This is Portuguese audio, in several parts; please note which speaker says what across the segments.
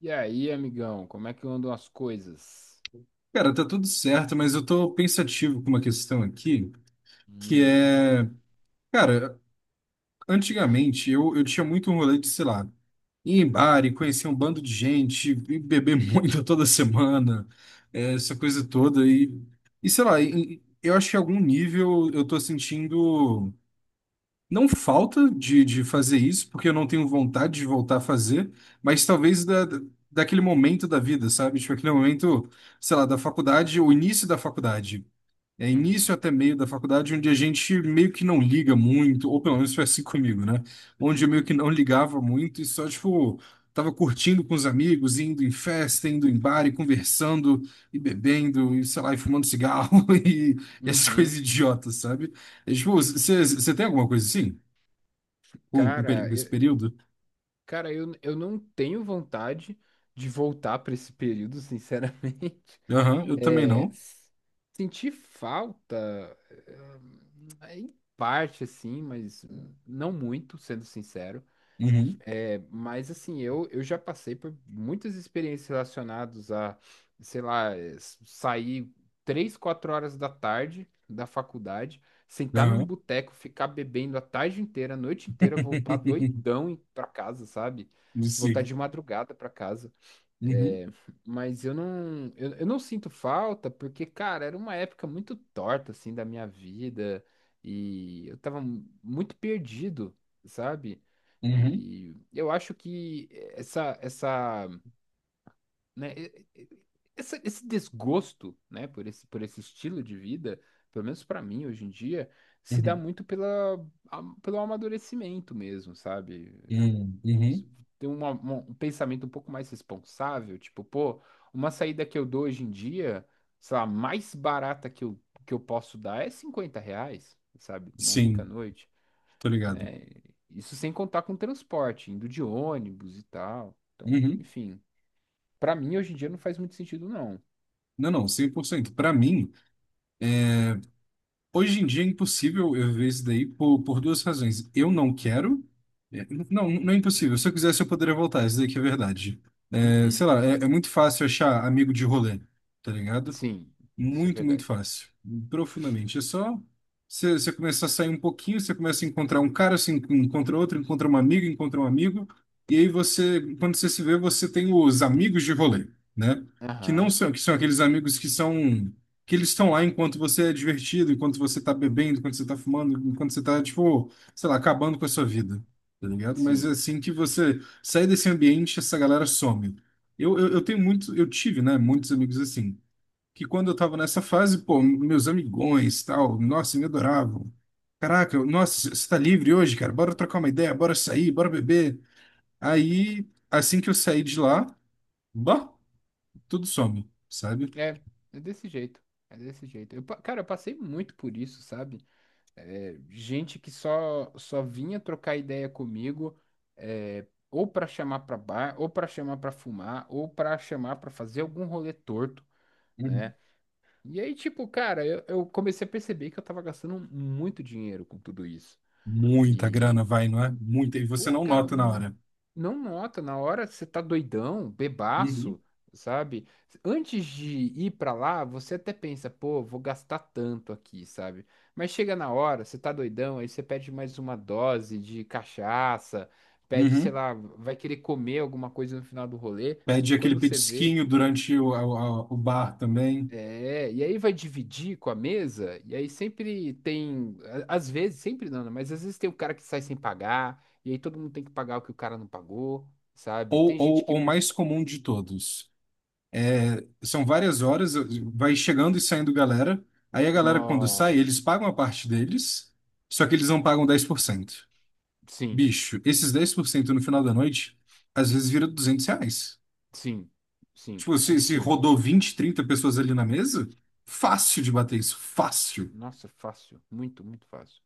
Speaker 1: E aí, amigão, como é que andam as coisas?
Speaker 2: Cara, tá tudo certo, mas eu tô pensativo com uma questão aqui, que
Speaker 1: Hum.
Speaker 2: é, cara, antigamente eu tinha muito um rolê de, sei lá, ir em bar e conhecer um bando de gente, e beber muito toda semana, é, essa coisa toda, e eu acho que em algum nível eu tô sentindo, não falta de fazer isso, porque eu não tenho vontade de voltar a fazer, mas talvez daquele momento da vida, sabe? Tipo, aquele momento, sei lá, da faculdade, o início da faculdade é
Speaker 1: Uhum,
Speaker 2: início até meio da faculdade, onde a gente meio que não liga muito, ou pelo menos foi assim comigo, né? Onde eu meio que
Speaker 1: uhum,
Speaker 2: não ligava muito e só, tipo, tava curtindo com os amigos, indo em festa, indo em bar e conversando e bebendo e, sei lá, e fumando cigarro e essas coisas
Speaker 1: uhum.
Speaker 2: idiotas, sabe? É, tipo, você tem alguma coisa assim? Com
Speaker 1: Cara,
Speaker 2: com
Speaker 1: eu,
Speaker 2: esse período?
Speaker 1: cara, eu não tenho vontade de voltar para esse período, sinceramente.
Speaker 2: Aham, eu também
Speaker 1: É,
Speaker 2: não.
Speaker 1: senti falta, em parte, assim, mas não muito, sendo sincero.
Speaker 2: Uhum,
Speaker 1: É, mas assim, eu já passei por muitas experiências relacionadas a, sei lá, sair três, quatro horas da tarde da faculdade, sentar num
Speaker 2: aham.
Speaker 1: boteco, ficar bebendo a tarde inteira, a noite inteira, voltar doidão pra casa, sabe? Voltar de
Speaker 2: Sim.
Speaker 1: madrugada pra casa.
Speaker 2: Uhum,
Speaker 1: É, mas eu não, eu não sinto falta porque, cara, era uma época muito torta, assim, da minha vida e eu tava muito perdido, sabe?
Speaker 2: uhum,
Speaker 1: E eu acho que essa, né, e- essa- esse desgosto, né, por esse estilo de vida, pelo menos pra mim hoje em dia, se dá
Speaker 2: uhum,
Speaker 1: muito pela, pelo amadurecimento mesmo, sabe?
Speaker 2: uhum, uhum.
Speaker 1: Ter um pensamento um pouco mais responsável, tipo, pô, uma saída que eu dou hoje em dia, sei lá, mais barata que eu posso dar é R$ 50, sabe? Uma única
Speaker 2: Sim,
Speaker 1: noite,
Speaker 2: tô ligado.
Speaker 1: né? Isso sem contar com transporte, indo de ônibus e tal. Então,
Speaker 2: Uhum.
Speaker 1: enfim, pra mim hoje em dia não faz muito sentido, não.
Speaker 2: Não, não, 100%. Para mim, hoje em dia é impossível eu ver isso daí por duas razões. Eu não quero. Não, não é impossível. Se eu quisesse, eu poderia voltar. Isso daí que é verdade. É, sei
Speaker 1: Uhum.
Speaker 2: lá, é muito fácil achar amigo de rolê, tá ligado?
Speaker 1: Sim, isso é
Speaker 2: Muito, muito
Speaker 1: verdade.
Speaker 2: fácil. Profundamente. É só você começar a sair um pouquinho, você começa a encontrar um cara, você encontra outro, encontra uma amiga, encontra um amigo, e aí você, quando você se vê, você tem os amigos de rolê, né? Que não
Speaker 1: Aham,
Speaker 2: são, que são aqueles amigos que são, que eles estão lá enquanto você é divertido, enquanto você tá bebendo, enquanto você tá fumando, enquanto você tá, tipo, sei lá, acabando com a sua vida, tá ligado? Mas é
Speaker 1: sim.
Speaker 2: assim que você sai desse ambiente, essa galera some. Eu tenho muito, eu tive, né, muitos amigos assim que quando eu tava nessa fase, pô, meus amigões, tal, nossa, me adoravam. Caraca, nossa, você tá livre hoje, cara? Bora trocar uma ideia, bora sair, bora beber. Aí, assim que eu saí de lá, bah, tudo some, sabe?
Speaker 1: É, é desse jeito. É desse jeito. Eu, cara, eu passei muito por isso, sabe? É, gente que só vinha trocar ideia comigo, é, ou para chamar para bar, ou para chamar para fumar, ou para chamar para fazer algum rolê torto,
Speaker 2: Uhum.
Speaker 1: né? E aí, tipo, cara, eu comecei a perceber que eu tava gastando muito dinheiro com tudo isso.
Speaker 2: Muita grana
Speaker 1: E
Speaker 2: vai, não é? Muita, e você
Speaker 1: pô,
Speaker 2: não
Speaker 1: cara,
Speaker 2: nota na hora.
Speaker 1: não nota, na hora você tá doidão,
Speaker 2: Uhum.
Speaker 1: bebaço, sabe? Antes de ir pra lá, você até pensa, pô, vou gastar tanto aqui, sabe? Mas chega na hora, você tá doidão, aí você pede mais uma dose de cachaça, pede, sei
Speaker 2: Uhum.
Speaker 1: lá, vai querer comer alguma coisa no final do rolê.
Speaker 2: Pede aquele
Speaker 1: Quando você vê,
Speaker 2: petisquinho durante o bar também.
Speaker 1: é, e aí vai dividir com a mesa, e aí sempre tem, às vezes, sempre não, né? Mas às vezes tem um cara que sai sem pagar, e aí todo mundo tem que pagar o que o cara não pagou, sabe?
Speaker 2: ou,
Speaker 1: Tem gente
Speaker 2: ou,
Speaker 1: que
Speaker 2: ou
Speaker 1: não,
Speaker 2: mais comum de todos. São várias horas, vai chegando e saindo galera. Aí a galera, quando sai,
Speaker 1: no...
Speaker 2: eles pagam a parte deles, só que eles não pagam 10%.
Speaker 1: Sim,
Speaker 2: Bicho, esses 10% no final da noite, às vezes vira R$ 200.
Speaker 1: sim, sim,
Speaker 2: Tipo, se
Speaker 1: absurdo.
Speaker 2: rodou 20, 30 pessoas ali na mesa, fácil de bater isso, fácil.
Speaker 1: Nossa, fácil, muito, muito fácil.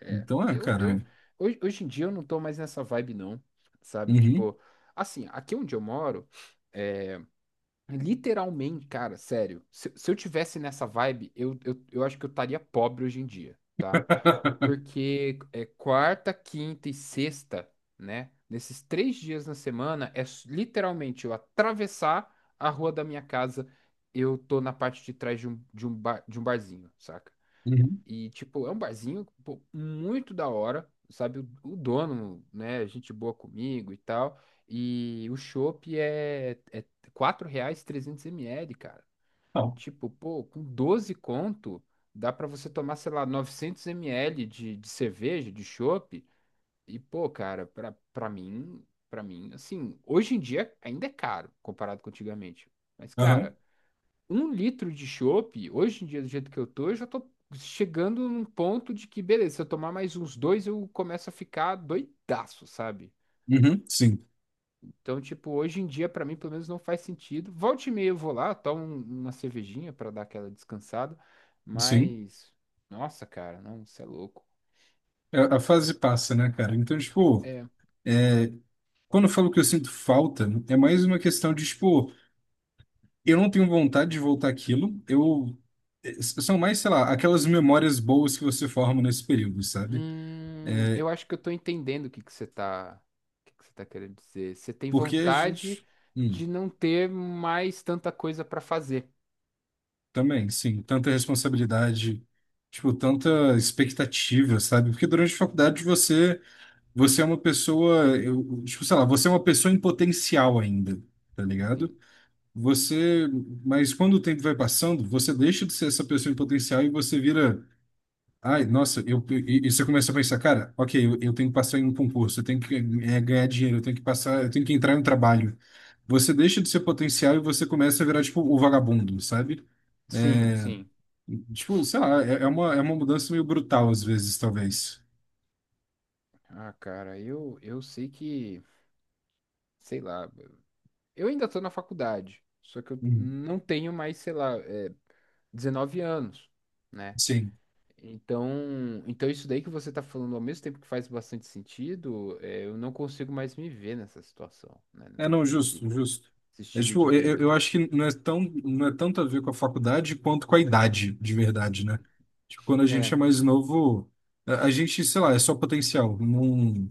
Speaker 1: É,
Speaker 2: Então é, cara. É.
Speaker 1: hoje em dia eu não tô mais nessa vibe não, sabe?
Speaker 2: Uhum,
Speaker 1: Tipo, assim, aqui onde eu moro, literalmente, cara, sério. Se eu tivesse nessa vibe, eu acho que eu estaria pobre hoje em dia, tá? Porque é quarta, quinta e sexta, né? Nesses três dias na semana, é literalmente eu atravessar a rua da minha casa, eu tô na parte de trás de bar, de um barzinho, saca?
Speaker 2: uhum,
Speaker 1: E, tipo, é um barzinho, pô, muito da hora, sabe? O dono, né? Gente boa comigo e tal. E o chopp é R$ 4 trezentos ml cara.
Speaker 2: não.
Speaker 1: Tipo, pô, com 12 conto, dá pra você tomar, sei lá, 900 ml de cerveja, de chopp. E, pô, cara, pra mim, assim, hoje em dia ainda é caro comparado com antigamente. Mas, cara,
Speaker 2: Aham,
Speaker 1: um litro de chopp, hoje em dia, do jeito que eu tô, eu já tô chegando num ponto de que, beleza, se eu tomar mais uns dois, eu começo a ficar doidaço, sabe?
Speaker 2: uhum, sim,
Speaker 1: Então, tipo, hoje em dia, pra mim, pelo menos não faz sentido. Volte e meia eu vou lá, tomo uma cervejinha pra dar aquela descansada,
Speaker 2: sim.
Speaker 1: mas, nossa, cara, não, você é louco.
Speaker 2: A fase passa, né, cara? Então, tipo.
Speaker 1: É,
Speaker 2: é, Quando eu falo que eu sinto falta, é mais uma questão de, tipo, eu não tenho vontade de voltar àquilo, eu... São mais, sei lá, aquelas memórias boas que você forma nesse período, sabe?
Speaker 1: eu acho que eu tô entendendo o que que você tá, o que que você tá querendo dizer. Você tem
Speaker 2: Porque a
Speaker 1: vontade
Speaker 2: gente... hum,
Speaker 1: de não ter mais tanta coisa pra fazer.
Speaker 2: Também, sim, tanta responsabilidade, tipo, tanta expectativa, sabe? Porque durante a faculdade você, você é uma pessoa, eu, tipo, sei lá, você é uma pessoa em potencial ainda, tá ligado?
Speaker 1: Sim.
Speaker 2: Você... Mas quando o tempo vai passando, você deixa de ser essa pessoa em potencial e você vira. Ai, nossa, eu, e você começa a pensar, cara, ok, eu tenho que passar em um concurso, eu tenho que ganhar dinheiro, eu tenho que passar, eu tenho que entrar em um trabalho. Você deixa de ser potencial e você começa a virar, tipo, o vagabundo, sabe?
Speaker 1: Sim,
Speaker 2: É,
Speaker 1: sim.
Speaker 2: Tipo, sei lá, é uma mudança meio brutal às vezes, talvez.
Speaker 1: Ah, cara, eu sei que, sei lá, eu ainda tô na faculdade, só que eu
Speaker 2: Uhum.
Speaker 1: não tenho mais, sei lá, é, 19 anos, né?
Speaker 2: Sim.
Speaker 1: Então, então isso daí que você tá falando, ao mesmo tempo que faz bastante sentido, é, eu não consigo mais me ver nessa situação, né?
Speaker 2: É, não,
Speaker 1: Nesse,
Speaker 2: justo, justo.
Speaker 1: nesse
Speaker 2: É,
Speaker 1: estilo de
Speaker 2: tipo, eu
Speaker 1: vida.
Speaker 2: acho que não é tão, não é tanto a ver com a faculdade quanto com a idade, de verdade, né? Tipo, quando a gente
Speaker 1: É,
Speaker 2: é mais novo, a gente, sei lá, é só potencial. Não,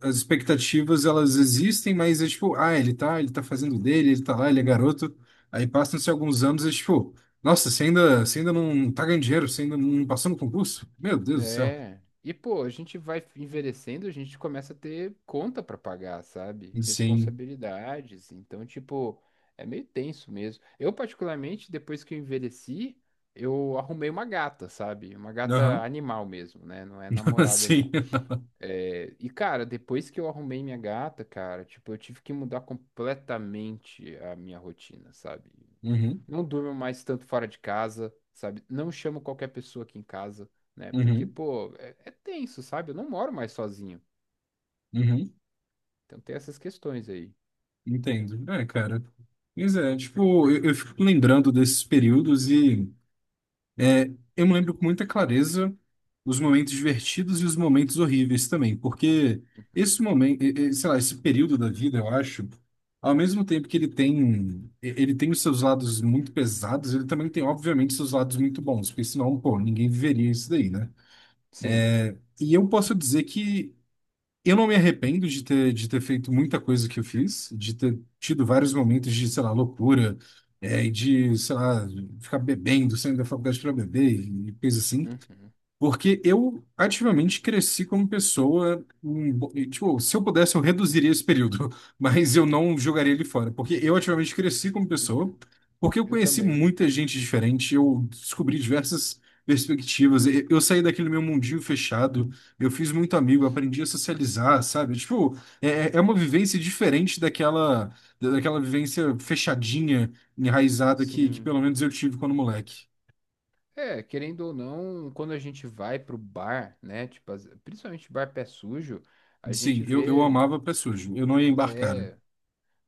Speaker 2: as expectativas elas existem, mas é tipo, ah, ele tá, fazendo o dele, ele tá lá, ele é garoto. Aí passam-se alguns anos e é tipo, nossa, você ainda não tá ganhando dinheiro, você ainda não passou no concurso? Meu Deus do céu.
Speaker 1: é. E, pô, a gente vai envelhecendo, a gente começa a ter conta pra pagar, sabe?
Speaker 2: Sim.
Speaker 1: Responsabilidades. Então, tipo, é meio tenso mesmo. Eu, particularmente, depois que eu envelheci, eu arrumei uma gata, sabe? Uma gata
Speaker 2: Aham.
Speaker 1: animal mesmo, né? Não é namorada,
Speaker 2: Sim.
Speaker 1: não. É, e, cara, depois que eu arrumei minha gata, cara, tipo, eu tive que mudar completamente a minha rotina, sabe?
Speaker 2: Uhum.
Speaker 1: Não durmo mais tanto fora de casa, sabe? Não chamo qualquer pessoa aqui em casa, né? Porque,
Speaker 2: Uhum.
Speaker 1: pô, é, é tenso, sabe? Eu não moro mais sozinho.
Speaker 2: Uhum.
Speaker 1: Então tem essas questões aí.
Speaker 2: Entendo. É, cara. Mas é, tipo, eu fico lembrando desses períodos e É, eu me lembro com muita clareza os momentos divertidos e os momentos horríveis também, porque
Speaker 1: Uhum.
Speaker 2: esse momento, sei lá, esse período da vida, eu acho, ao mesmo tempo que ele tem, ele tem os seus lados muito pesados, ele também tem, obviamente, seus lados muito bons, porque senão, pô, ninguém viveria isso daí, né?
Speaker 1: Sim.
Speaker 2: E eu posso dizer que eu não me arrependo de ter feito muita coisa que eu fiz, de ter tido vários momentos de, sei lá, loucura, e de, sei lá, ficar bebendo, saindo da faculdade para beber e coisa assim.
Speaker 1: Uhum.
Speaker 2: Porque eu ativamente cresci como pessoa. Tipo, se eu pudesse, eu reduziria esse período, mas eu não jogaria ele fora. Porque eu ativamente cresci como
Speaker 1: Uhum.
Speaker 2: pessoa, porque eu
Speaker 1: Eu
Speaker 2: conheci
Speaker 1: também.
Speaker 2: muita gente diferente, eu descobri diversas perspectivas. Eu saí daquele meu mundinho fechado, eu fiz muito amigo, aprendi a socializar, sabe? Tipo, é uma vivência diferente daquela, vivência fechadinha, enraizada que
Speaker 1: Sim.
Speaker 2: pelo menos eu tive quando moleque.
Speaker 1: É, querendo ou não, quando a gente vai pro bar, né? Tipo, principalmente bar pé sujo, a gente
Speaker 2: Sim, eu
Speaker 1: vê.
Speaker 2: amava pé sujo. Eu não ia embarcar
Speaker 1: É,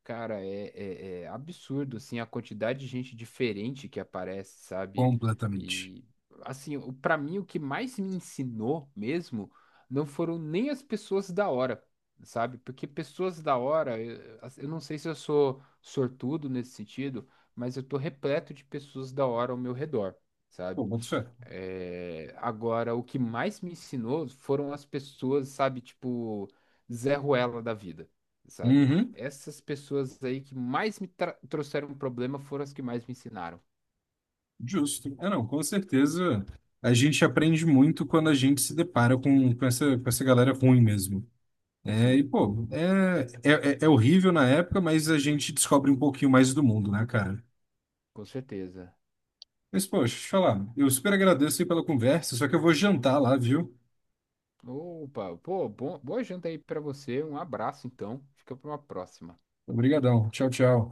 Speaker 1: cara, é, é absurdo, assim, a quantidade de gente diferente que aparece, sabe?
Speaker 2: completamente.
Speaker 1: E, assim, pra mim, o que mais me ensinou mesmo não foram nem as pessoas da hora, sabe? Porque pessoas da hora, eu não sei se eu sou sortudo nesse sentido, mas eu tô repleto de pessoas da hora ao meu redor,
Speaker 2: Pô,
Speaker 1: sabe?
Speaker 2: boto fé.
Speaker 1: É, agora, o que mais me ensinou foram as pessoas, sabe, tipo, Zé Ruela da vida, sabe?
Speaker 2: Uhum,
Speaker 1: Essas pessoas aí que mais me trouxeram problema foram as que mais me ensinaram.
Speaker 2: justo. É, não, com certeza a gente aprende muito quando a gente se depara com essa galera ruim mesmo. É, e,
Speaker 1: Sim,
Speaker 2: pô, é horrível na época, mas a gente descobre um pouquinho mais do mundo, né, cara?
Speaker 1: com certeza.
Speaker 2: Mas, poxa, deixa eu te falar, eu super agradeço aí pela conversa, só que eu vou jantar lá, viu?
Speaker 1: Opa, pô, bom, boa janta aí pra você. Um abraço, então. Fica pra uma próxima.
Speaker 2: Obrigadão. Tchau, tchau.